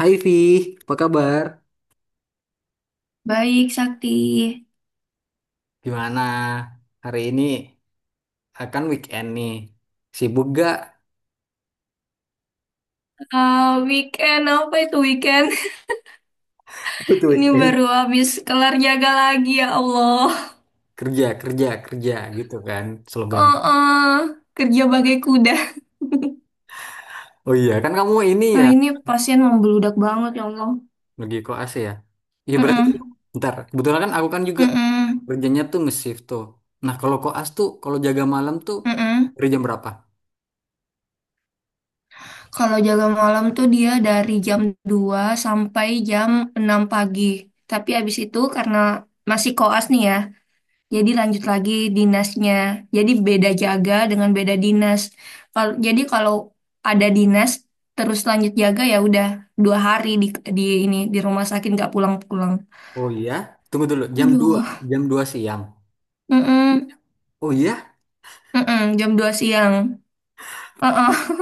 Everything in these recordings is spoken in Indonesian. Hai Vi, apa kabar? Baik, Sakti. Gimana hari ini? Akan weekend nih. Sibuk gak? Ah, weekend apa itu weekend? Itu Ini weekend. baru habis kelar jaga lagi ya Allah. Kerja, kerja, kerja gitu kan slogan. Oh, oh, kerja bagai kuda. Oh iya, kan kamu ini Nah, ya ini pasien membeludak banget ya Allah. lagi koas ya. Iya berarti Mm-mm, ntar kebetulan aku kan juga mm-mm, kerjanya tuh nge-shift tuh. Nah, kalau koas tuh kalau jaga malam tuh mm-mm. dari jam berapa? Kalau jaga malam tuh dia dari jam 2 sampai jam 6 pagi. Tapi abis itu karena masih koas nih ya, jadi lanjut lagi dinasnya. Jadi beda jaga dengan beda dinas. Kalau ada dinas terus lanjut jaga ya udah 2 hari di ini di rumah sakit nggak pulang-pulang. Oh iya, tunggu dulu. Aduh. Jam 2 siang. Mm-mm. Oh iya, Mm-mm. Jam 2 siang. uh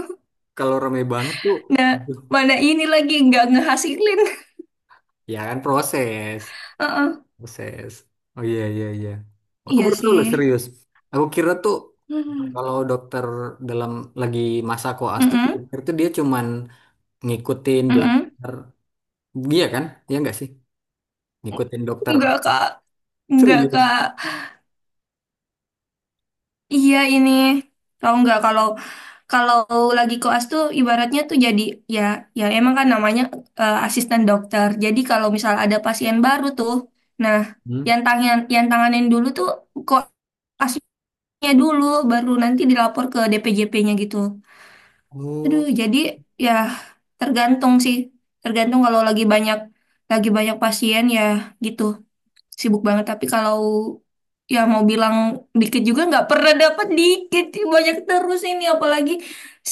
kalau rame banget tuh. Nah, mana ini lagi nggak ngehasilin. Ya kan proses. uh Buset. Oh iya, iya, iya. Aku Iya baru tahu sih. loh serius. Aku kira tuh Hmm. kalau dokter dalam lagi masa koas tuh, aku Mm-mm. kira tuh dia cuman ngikutin Mm-mm. belajar dia kan? Iya nggak sih? Ngikutin dokter Nggak, Kak. Nggak, serius. Kak. Iya ini. Tahu nggak kalau Kalau lagi koas tuh ibaratnya tuh jadi ya ya emang kan namanya asisten dokter. Jadi kalau misal ada pasien baru tuh, nah Hmm? yang tanganin dulu tuh koasnya dulu, baru nanti dilapor ke DPJP-nya gitu. Aduh, Oh. jadi ya tergantung sih, tergantung kalau lagi banyak pasien ya gitu sibuk banget, tapi kalau ya mau bilang dikit juga nggak pernah dapat dikit, banyak terus. Ini apalagi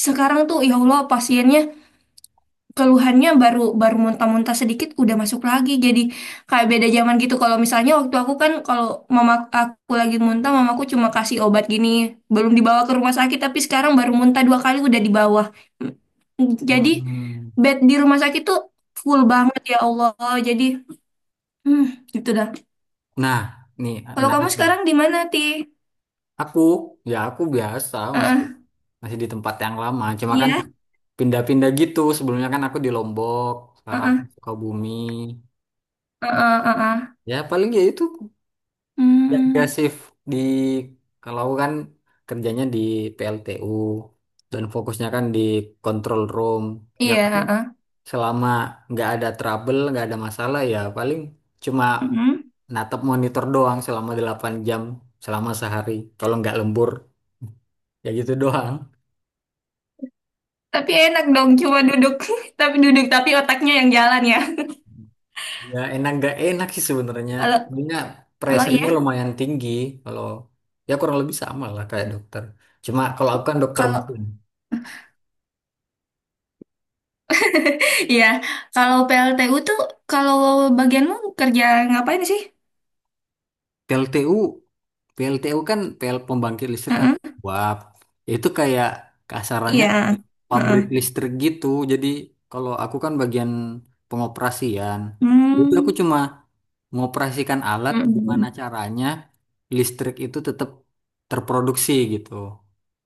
sekarang tuh ya Allah, pasiennya keluhannya baru baru muntah-muntah sedikit udah masuk lagi, jadi kayak beda zaman gitu. Kalau misalnya waktu aku kan kalau mama aku lagi muntah mamaku cuma kasih obat gini, belum dibawa ke rumah sakit, tapi sekarang baru muntah 2 kali udah di bawah. Jadi Hmm. bed di rumah sakit tuh full banget ya Allah, jadi hmm, gitu dah. Nah, nih Kalau kamu menarik. Nih, sekarang di mana, Ti? aku ya aku biasa masih Heeh. masih di tempat yang lama. Cuma kan Iya. pindah-pindah gitu. Sebelumnya kan aku di Lombok, sekarang aku di Heeh. Sukabumi. Heeh, heeh. Ya paling ya itu. Ya, ya Hmm. shift di, kalau aku kan kerjanya di PLTU dan fokusnya kan di control room. Ya Iya, paling heeh. selama nggak ada trouble, nggak ada masalah ya paling cuma Mm-mm. natap monitor doang selama 8 jam selama sehari. Kalau nggak lembur ya gitu doang. Tapi enak dong cuma duduk. Tapi duduk tapi otaknya yang jalan ya. Ya enak nggak enak sih sebenarnya. Kalau Sebenarnya kalau iya, pressure-nya lumayan tinggi kalau ya kurang lebih sama lah kayak dokter. Cuma kalau aku kan dokter kalau mesin. iya, kalau PLTU tuh kalau bagianmu kerja ngapain sih? PLTU PLTU kan PL pembangkit listrik kan Heeh. uap. Itu kayak kasarannya Iya. pabrik Heeh. listrik gitu. Jadi kalau aku kan bagian pengoperasian. Itu aku Hmm. cuma mengoperasikan alat gimana Mm-mm. caranya listrik itu tetap terproduksi gitu.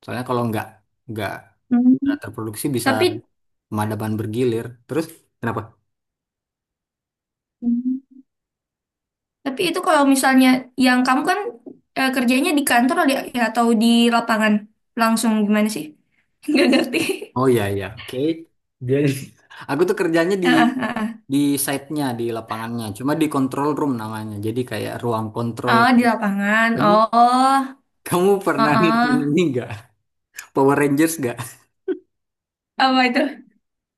Soalnya kalau nggak Hmm. nggak terproduksi bisa Tapi pemadaman bergilir. Terus kenapa? Tapi itu kalau misalnya yang kamu kan kerjanya di kantor, di, ya, atau di lapangan langsung gimana sih? Nggak ngerti. Oh iya, iya. Oke. Dia, aku tuh kerjanya Ah, ah, ah, ah. di site-nya, di lapangannya. Cuma di control room namanya. Jadi kayak ruang kontrol. Oh, di lapangan. Kamu Oh, kamu ah, pernah nonton ah. ini nggak? Power Rangers nggak? Apa itu?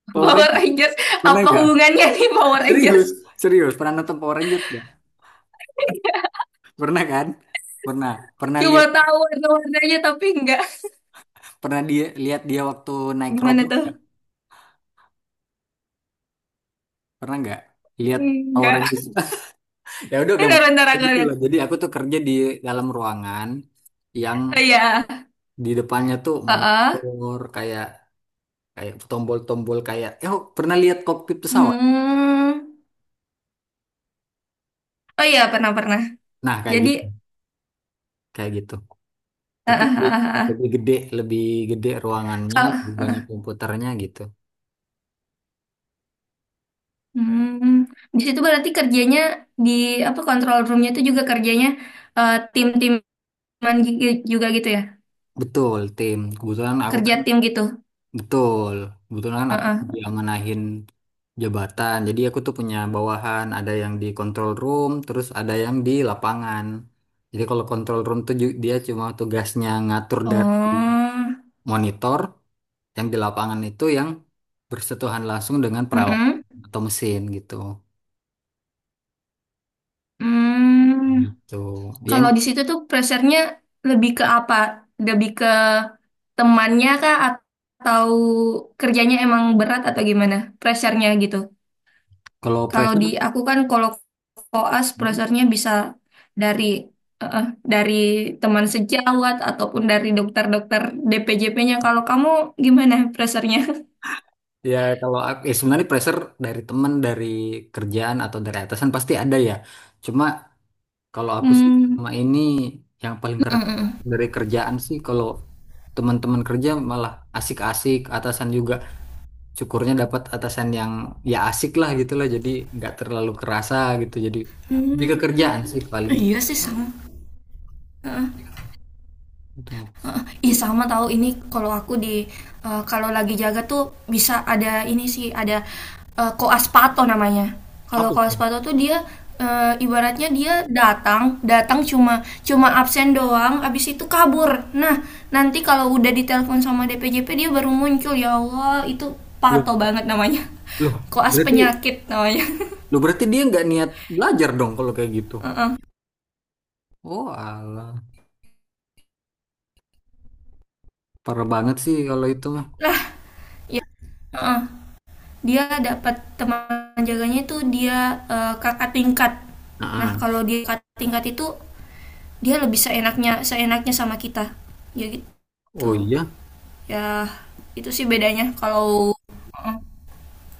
Power Power Rangers Rangers. pernah Apa nggak? hubungannya nih Power Rangers? Serius, serius. Pernah nonton Power Rangers nggak? Pernah kan? Pernah. Pernah Cuma lihat, tahu warna-warnanya tapi enggak. pernah dia lihat dia waktu naik Gimana robot tuh? nggak? Pernah nggak? Lihat Power Enggak. Rangers. Ya udah Bentar, gampang bentar kayak aku gitu lihat. loh. Jadi aku tuh kerja di dalam ruangan yang Oh iya. di depannya tuh Ah, ah. monitor kayak kayak tombol-tombol kayak, "Eh, oh pernah lihat kokpit pesawat, Hmm. Oh iya, pernah-pernah. nah kayak Jadi, gitu, kayak gitu ah, tapi ah, lebih ah, lebih ah. gede, lebih gede ruangannya Kalau lebih banyak komputernya gitu. Hmm, di situ berarti kerjanya di apa control roomnya itu juga kerjanya tim-timan juga gitu ya? Betul tim, kebetulan aku Kerja kan tim gitu. betul, kebetulan kan aku Heeh. diamanahin jabatan jadi aku tuh punya bawahan ada yang di control room terus ada yang di lapangan. Jadi kalau control room tuh ju- dia cuma tugasnya ngatur dari Oh, monitor yang di lapangan itu yang bersentuhan langsung dengan mm-mm. peralatan atau mesin gitu. Hmm. Gitu. Ya Kalau emang di situ tuh pressure-nya lebih ke apa? Lebih ke temannya kah atau kerjanya emang berat atau gimana? Pressure-nya gitu. kalau Kalau di pressure aku kan kalau koas browsernya bisa dari eh, eh, dari teman sejawat ataupun dari dokter-dokter DPJP-nya. Kalau kamu gimana browsernya? ya kalau aku- ya sebenarnya pressure dari teman, dari kerjaan atau dari atasan pasti ada ya. Cuma kalau aku sih Hmm, selama ini yang paling mm, keras mm, mm. dari kerjaan sih, kalau teman-teman kerja malah asik-asik, atasan juga syukurnya dapat atasan yang ya asik lah gitu lah, jadi nggak terlalu kerasa gitu, jadi lebih ke Hmm, kerjaan sih paling iya sih sama. itu Heeh. Ih sama tahu ini, kalau aku kalau lagi jaga tuh bisa ada ini sih ada koas pato namanya. Kalau apa. koas pato tuh dia ibaratnya dia datang datang cuma cuma absen doang, abis itu kabur. Nah nanti kalau udah ditelepon sama DPJP dia baru muncul ya Allah, itu Loh, pato banget namanya. loh, Koas berarti, penyakit namanya. loh berarti dia nggak niat belajar dong kalau kayak gitu. Heeh. Oh alah, parah banget sih kalau itu mah. Lah ya. Heeh. Dia dapat teman jaganya itu dia kakak tingkat, nah Nah, kalau dia kakak tingkat itu dia lebih seenaknya seenaknya sama kita, ya oh gitu, iya, ya itu sih bedanya Mm,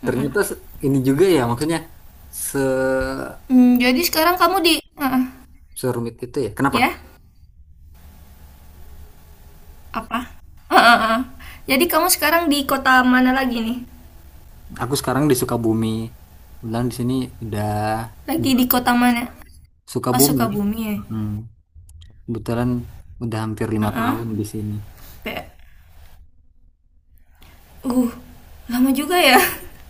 mm-mm. ternyata se- ini juga ya maksudnya se Jadi sekarang kamu di serumit itu ya. Kenapa? ya apa. Eh, eh, eh. Jadi kamu sekarang di kota mana lagi nih, Aku sekarang di Sukabumi. Kebetulan di sini udah lagi di kota mana, oh, Sukabumi. Sukabumi ya. Mm, kebetulan udah hampir 5 tahun di sini. Pe- uh Lama juga ya.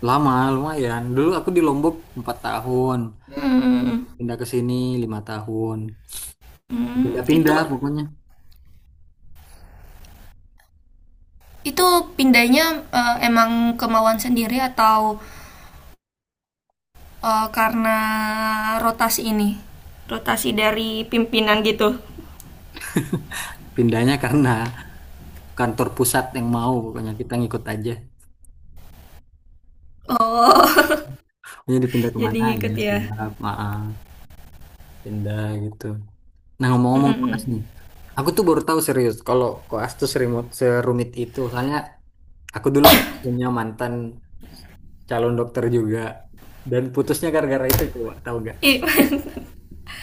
Lama, lumayan. Dulu aku di Lombok 4 tahun, Hmm, pindah ke sini 5 tahun. hmm, itu. Pindah-pindah pokoknya. Itu pindahnya emang kemauan sendiri atau karena rotasi ini? Rotasi dari pimpinan gitu. Pindahnya karena kantor pusat yang mau, pokoknya kita ngikut aja. Oh, Pokoknya dipindah jadi kemana ya ngikut ya. siap, maaf, pindah gitu. Nah ngomong-ngomong koas Mm-mm. nih, aku tuh baru tahu serius kalau koas tuh serumit, serumit itu. Soalnya aku dulu pernah punya mantan calon dokter juga dan putusnya gara-gara itu coba tahu gak? i-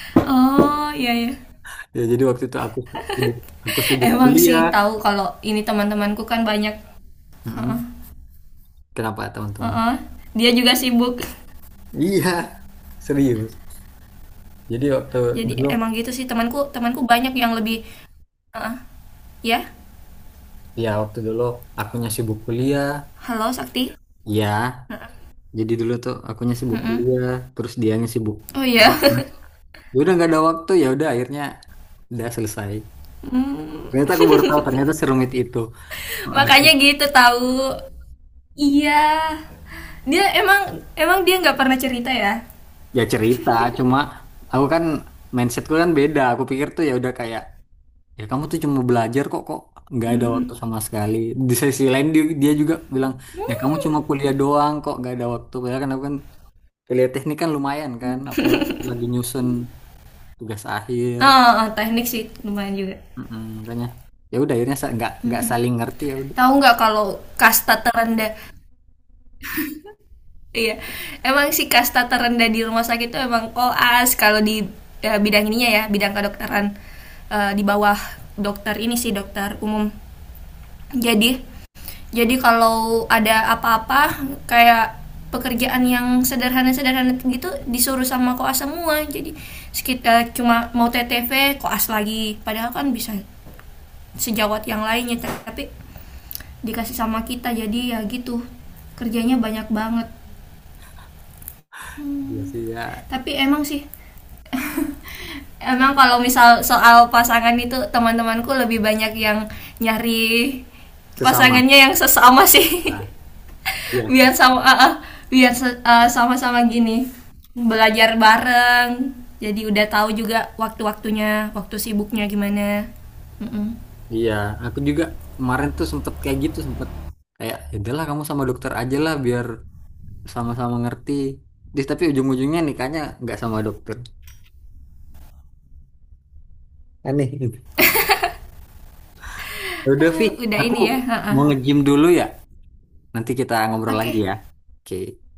oh iya ya. Ya jadi waktu itu sibuk, aku sibuk Emang sih kuliah. tahu kalau ini teman-temanku kan banyak. Heeh, Mm-mm. Kenapa teman-teman? heeh. Dia juga sibuk. Iya, serius. Jadi waktu Jadi dulu, emang gitu sih temanku temanku banyak yang lebih heeh. Ya. ya waktu dulu akunya sibuk kuliah, Halo Sakti. ya, Heeh. jadi dulu tuh akunya sibuk Mm-mm. kuliah, terus dianya sibuk. Oh iya. Wah, Mas. Ya udah nggak ada waktu ya udah akhirnya udah selesai. Ternyata aku baru tahu ternyata serumit itu. Wah, Makanya gitu tahu. Iya. Dia emang emang dia nggak pernah cerita ya. ya cerita, cuma aku kan mindsetku kan beda. Aku pikir tuh ya udah kayak ya kamu tuh cuma belajar kok kok nggak ada waktu sama sekali. Di sisi lain dia juga bilang ya kamu cuma kuliah doang kok nggak ada waktu. Padahal aku kan kuliah teknik kan lumayan kan, apalagi lagi nyusun tugas akhir. Ah, ah, ah, teknik sih lumayan juga. Mm-mm, makanya ya udah akhirnya sa- nggak saling ngerti ya udah. Tahu nggak kalau kasta terendah? Iya. Emang si kasta terendah di rumah sakit itu emang koas, kalau di ya, bidang ininya ya, bidang kedokteran di bawah dokter ini sih dokter umum. Jadi Jadi kalau ada apa-apa kayak pekerjaan yang sederhana-sederhana gitu disuruh sama koas semua. Jadi sekitar cuma mau TTV koas lagi. Padahal kan bisa sejawat yang lainnya tapi dikasih sama kita jadi ya gitu kerjanya banyak banget, Iya sih ya tapi emang sih emang kalau misal soal pasangan itu teman-temanku lebih banyak yang nyari sesama. pasangannya yang sesama sih, Nah, iya, biar sama ah, ah, biar sama-sama gini belajar bareng jadi udah tahu juga waktu-waktunya waktu sibuknya gimana. Mm-mm. iya aku juga kemarin tuh sempet kayak gitu sempet kayak, "Ya udahlah kamu sama dokter aja lah biar sama-sama ngerti Dis, tapi ujung-ujungnya nikahnya nggak sama dokter aneh gitu. Ya udah Vi, Ah, udah aku ini ya ah, ah. mau nge-gym dulu ya, nanti kita ngobrol Oke lagi okay. ya. Oke,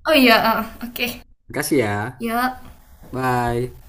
Oh iya ah, ah, oke okay. makasih ya. Ya. Bye.